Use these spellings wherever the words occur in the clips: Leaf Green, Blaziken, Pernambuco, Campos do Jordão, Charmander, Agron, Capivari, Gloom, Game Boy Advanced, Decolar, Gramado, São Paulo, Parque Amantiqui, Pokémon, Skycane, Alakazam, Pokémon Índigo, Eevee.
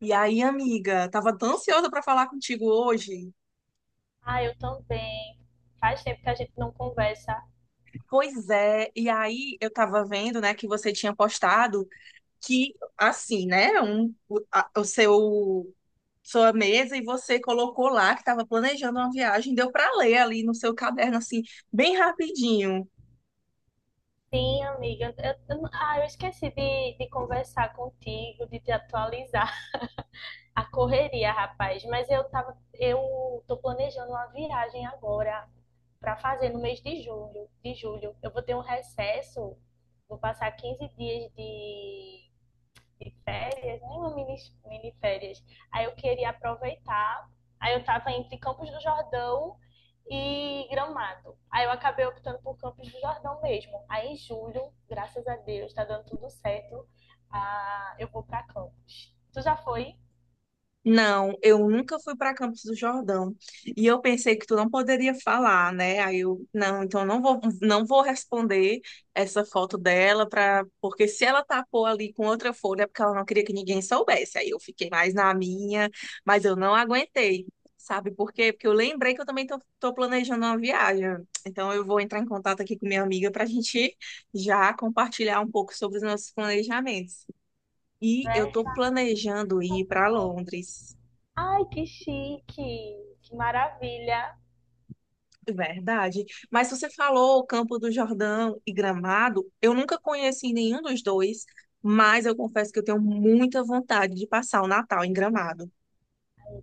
E aí, amiga, tava tão ansiosa para falar contigo hoje. Ah, eu também. Faz tempo que a gente não conversa. Pois é, e aí eu tava vendo, né, que você tinha postado que assim, né, o seu sua mesa e você colocou lá que tava planejando uma viagem, deu para ler ali no seu caderno assim, bem rapidinho. Sim, amiga. Eu esqueci de conversar contigo, de te atualizar. A correria, rapaz. Eu tô planejando uma viagem agora para fazer no mês de de julho. Eu vou ter um recesso, vou passar 15 dias de férias, né? Uma mini férias. Aí eu queria aproveitar. Aí eu tava entre Campos do Jordão e Gramado. Aí eu acabei optando por Campos do Jordão mesmo. Aí em julho, graças a Deus, tá dando tudo certo. Ah, eu vou pra Campos. Tu já foi, Não, eu nunca fui para Campos do Jordão. E eu pensei que tu não poderia falar, né? Aí eu, não, Então eu não vou, não vou responder essa foto dela para, porque se ela tapou ali com outra folha é porque ela não queria que ninguém soubesse. Aí eu fiquei mais na minha, mas eu não aguentei. Sabe por quê? Porque eu lembrei que eu também tô planejando uma viagem. Então eu vou entrar em contato aqui com minha amiga para a gente já compartilhar um pouco sobre os nossos planejamentos. E eu né? estou planejando ir para Londres. Ai, que chique! Que maravilha! Verdade. Mas você falou Campo do Jordão e Gramado, eu nunca conheci nenhum dos dois, mas eu confesso que eu tenho muita vontade de passar o Natal em Gramado.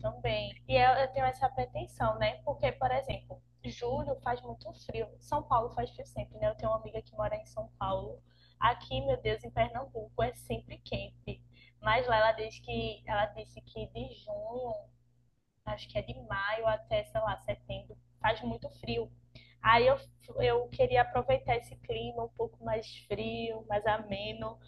Também. Eu tenho essa pretensão, né? Porque, por exemplo, julho faz muito frio. São Paulo faz frio sempre, né? Eu tenho uma amiga que mora em São Paulo. Aqui, meu Deus, em Pernambuco é sempre quente. Mas lá ela diz que ela disse que de junho, acho que é de maio até, sei lá, setembro, faz muito frio. Aí eu, eu queria aproveitar esse clima um pouco mais frio, mais ameno.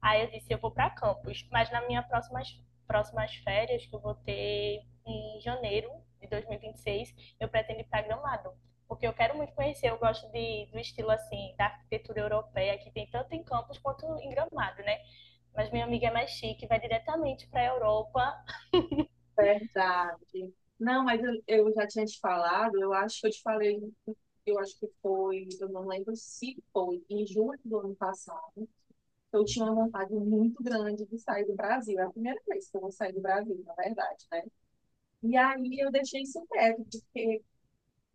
Aí eu disse, eu vou para Campos, mas nas minhas próximas férias, que eu vou ter em janeiro de 2026, eu pretendo ir para Gramado, porque eu quero muito conhecer, eu gosto do estilo assim, da arquitetura europeia, que tem tanto em Campos quanto em Gramado, né? Mas minha amiga é mais chique, vai diretamente para a Europa. Verdade. Não, mas eu já tinha te falado, eu acho que eu te falei, eu acho que foi, eu não lembro se foi, em julho do ano passado, eu tinha uma vontade muito grande de sair do Brasil. É a primeira vez que eu vou sair do Brasil, na verdade, né? E aí eu deixei isso quieto, porque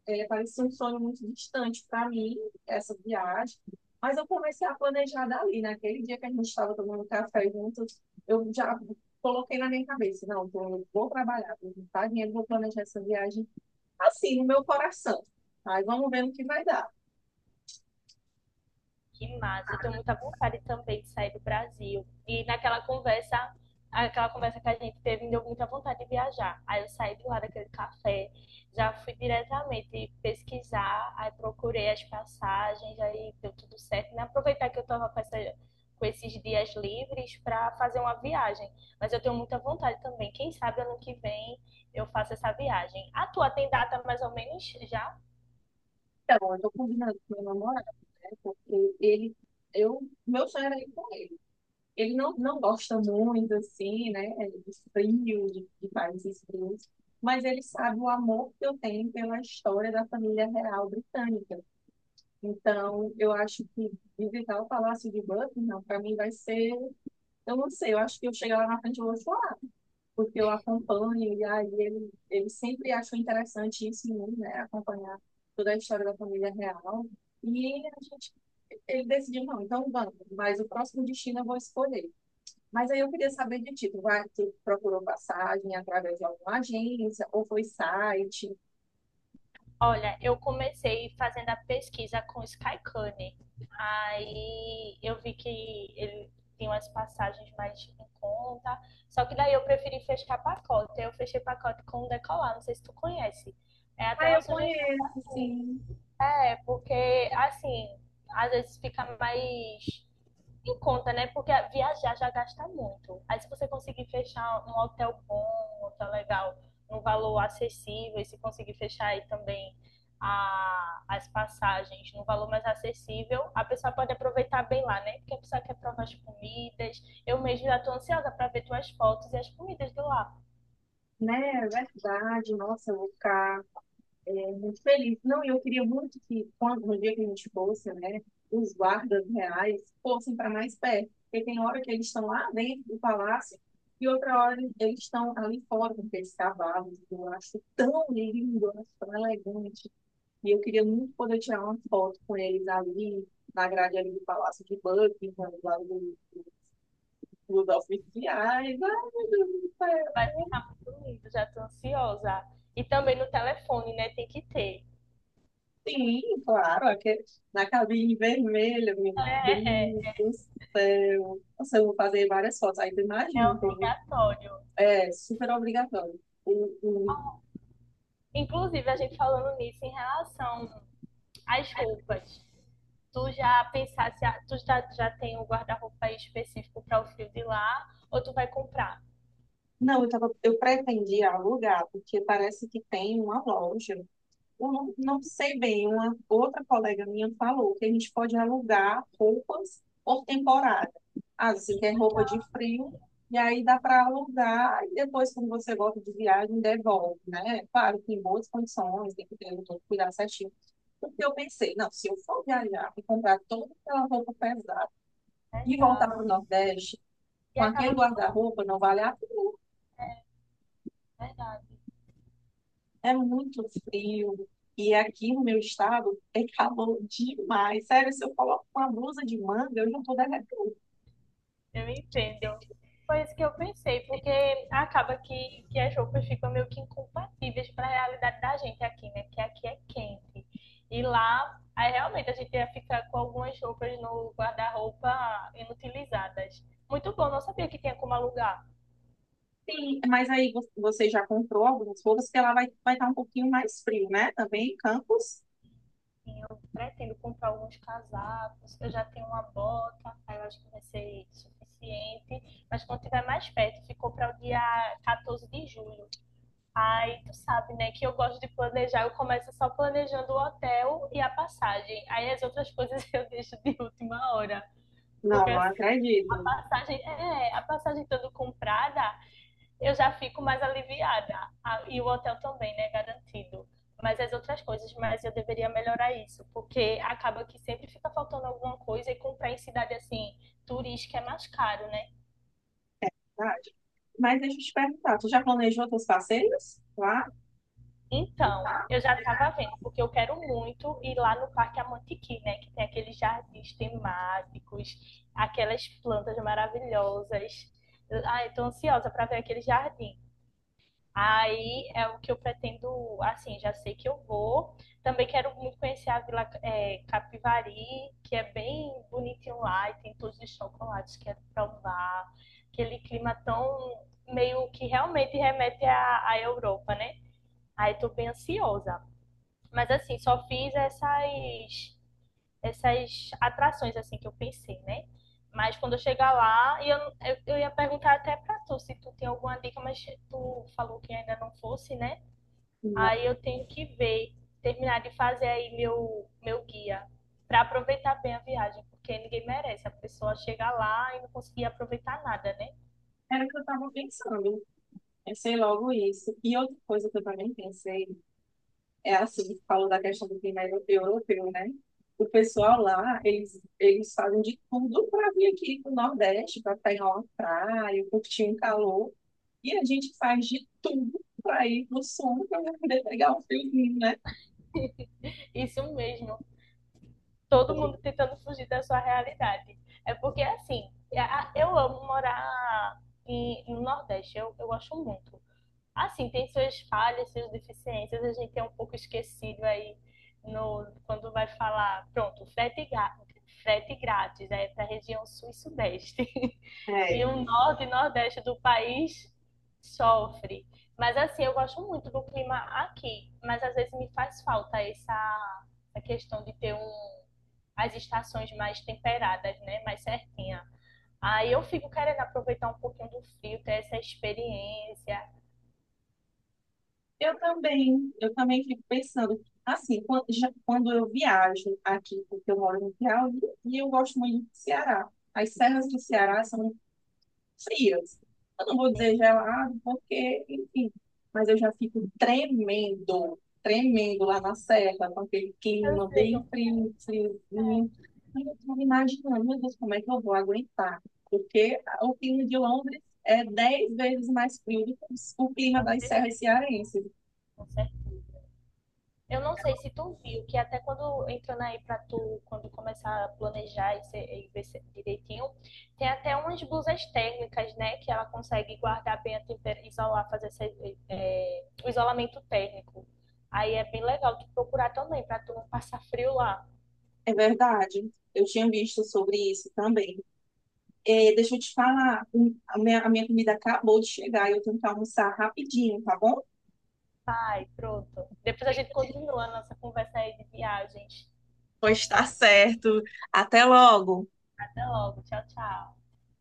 é, parecia um sonho muito distante para mim, essa viagem. Mas eu comecei a planejar dali. Naquele dia que a gente estava tomando café juntos, eu já coloquei na minha cabeça: não, eu vou trabalhar, vou juntar dinheiro, vou planejar essa viagem assim, no meu coração. Mas vamos ver no que vai dar. Que massa, eu tenho muita vontade também de sair do Brasil. Aquela conversa que a gente teve, me deu muita vontade de viajar. Aí eu saí de lá daquele café, já fui diretamente pesquisar, aí procurei as passagens, aí deu tudo certo. E aproveitar que eu estava com esses dias livres para fazer uma viagem. Mas eu tenho muita vontade também. Quem sabe ano que vem eu faço essa viagem. A tua tem data mais ou menos já? Então, eu estou combinando com meu namorado, né? Porque ele, eu, meu sonho era ir com ele. Ele não, não gosta muito, assim, né, de frio, de países frios, mas ele sabe o amor que eu tenho pela história da família real britânica. Então, eu acho que visitar o Palácio de Buckingham, para mim, vai ser. Eu não sei, eu acho que eu chegar lá na frente e vou chorar, porque eu acompanho, e aí ele sempre achou interessante isso em mim, né, acompanhar toda a história da família real. E a gente, ele decidiu, não, então vamos, mas o próximo destino eu vou escolher. Mas aí eu queria saber de ti, tu, vai, tu procurou passagem através de alguma agência ou foi site? Olha, eu comecei fazendo a pesquisa com o Skycane. Aí eu vi que ele tem umas passagens mais em conta. Só que daí eu preferi fechar pacote. Eu fechei pacote com o Decolar, não sei se tu conhece. É até Ah, uma eu sugestão. conheço, sim, É, porque assim, às vezes fica mais em conta, né? Porque viajar já gasta muito. Aí se você conseguir fechar um hotel bom, um hotel legal, num valor acessível, e se conseguir fechar aí também as passagens num valor mais acessível, a pessoa pode aproveitar bem lá, né? Porque a pessoa quer provar as comidas. Eu mesmo já tô ansiosa para ver tuas fotos e as comidas de lá. né? É verdade, nossa, eu vou ficar é, muito feliz. Não, e eu queria muito que quando no dia que a gente fosse, né, os guardas reais fossem para mais perto, porque tem hora que eles estão lá dentro do palácio e outra hora eles estão ali fora com aqueles cavalos. Eu acho tão lindo, eu acho tão elegante. E eu queria muito poder tirar uma foto com eles ali, na grade ali do Palácio de Buckingham, lá do dos oficiais. Ai, meu Deus do céu. Vai ficar muito lindo, já tô ansiosa. E também no telefone, né? Tem que ter. Sim, claro, aqui, na cabine vermelha, meu É, é, Deus é, do céu. Nossa, eu vou fazer várias fotos. Aí tu é imagina, então, obrigatório. é super obrigatório. O- o- Inclusive, a gente falando nisso em relação às roupas. Tu já pensaste, já tem um guarda-roupa específico para o frio de lá, ou tu vai comprar? Não, eu, tava, eu pretendia alugar, porque parece que tem uma loja. Eu não sei bem, uma outra colega minha falou que a gente pode alugar roupas por temporada. Ah, assim, que é roupa de frio, e aí dá para alugar, e depois, quando você volta de viagem, devolve, né? Claro, que em boas condições, tem que ter todo cuidado certinho. Porque eu pensei, não, se eu for viajar e comprar toda aquela roupa pesada e voltar Verdade. para o Nordeste, E com aquele acaba que não. guarda-roupa, não vale a... É, verdade. É muito frio. E aqui no meu estado é calor demais. Sério, se eu coloco uma blusa de manga, eu já tô derretendo. Eu entendo. Foi isso que eu pensei, porque acaba que as roupas ficam meio que incompatíveis para a realidade da gente aqui, né? Que aqui é quente. E lá, aí realmente a gente ia ficar com algumas roupas no guarda-roupa inutilizadas. Muito bom, não sabia que tinha como alugar. Sim, mas aí você já comprou algumas roupas que ela vai estar um pouquinho mais frio, né? Também em Campos? Sim, eu pretendo comprar alguns casacos, eu já tenho uma bota, aí eu acho que vai ser suficiente. Mas quando tiver mais perto, ficou para o dia 14 de julho. Aí tu sabe, né, que eu gosto de planejar, eu começo só planejando o hotel e a passagem. Aí as outras coisas eu deixo de última hora. Não, Porque não assim, acredito. A passagem estando comprada, eu já fico mais aliviada. Ah, e o hotel também, né, garantido. Mas as outras coisas, mas eu deveria melhorar isso, porque acaba que sempre fica faltando alguma coisa e comprar em cidade assim, turística é mais caro, né? É verdade. Mas deixa eu te perguntar, tu já planejou teus passeios? Claro. Então, Tá? eu já estava vendo, porque eu quero muito ir lá no Parque Amantiqui, né? Que tem aqueles jardins temáticos, aquelas plantas maravilhosas. Ah, eu tô ansiosa para ver aquele jardim. Aí é o que eu pretendo, assim, já sei que eu vou. Também quero muito conhecer a Vila Capivari, que é bem bonitinho lá e tem todos os chocolates que quero provar. Aquele clima tão meio que realmente remete à Europa, né? Aí tô bem ansiosa. Mas assim, só fiz essas atrações assim que eu pensei, né? Mas quando eu chegar lá, eu ia perguntar até pra tu se tu tem alguma dica, mas tu falou que ainda não fosse, né? Não, Aí eu tenho que ver, terminar de fazer aí meu guia, pra aproveitar bem a viagem, porque ninguém merece a pessoa chegar lá e não conseguir aproveitar nada, né? era o que eu estava pensando. Pensei logo isso. E outra coisa que eu também pensei é assim, falou da questão do clima europeu, né? O pessoal lá, eles fazem de tudo para vir aqui pro Nordeste, para pegar uma praia, curtir um calor. E a gente faz de tudo para ir pro Sul, para poder pegar um friozinho, né? Isso mesmo. Eu Todo fico- mundo tentando fugir da sua realidade. É porque, assim, eu amo morar no Nordeste, eu acho muito. Assim, tem suas falhas, suas deficiências, a gente é um pouco esquecido aí no, quando vai falar, pronto, frete grátis, é para a região sul e sudeste. É, E o norte e nordeste do país sofre. Mas assim, eu gosto muito do clima aqui, mas às vezes me faz falta essa questão de ter um as estações mais temperadas, né? Mais certinha. Aí eu fico querendo aproveitar um pouquinho do frio, ter essa experiência. eu também fico pensando, assim, quando, já, quando eu viajo aqui, porque eu moro no Piauí, e eu gosto muito do Ceará. As serras do Ceará são frias. Eu não vou Assim. dizer gelado, porque, enfim, mas eu já fico tremendo lá na serra, com aquele Eu clima sei, bem frio, friozinho. Aí eu estou imaginando, meu Deus, como é que eu vou aguentar? Porque o clima de Londres é 10 vezes mais frio do que o clima com das certeza, serras cearenses. com certeza. Eu não sei se tu viu que até quando entrando aí pra tu, quando começar a planejar e ver se- direitinho, tem até umas blusas térmicas, né? Que ela consegue guardar bem a temperatura, isolar, fazer o isolamento térmico. Aí é bem legal tu procurar também, pra tu não passar frio lá. É verdade. Eu tinha visto sobre isso também. Deixa eu te falar, a minha comida acabou de chegar e eu tenho que almoçar rapidinho, tá bom? Vai, pronto. Depois a gente continua a nossa conversa aí de viagens. Pois Então, está se certo. Até logo. até logo. Tchau, tchau.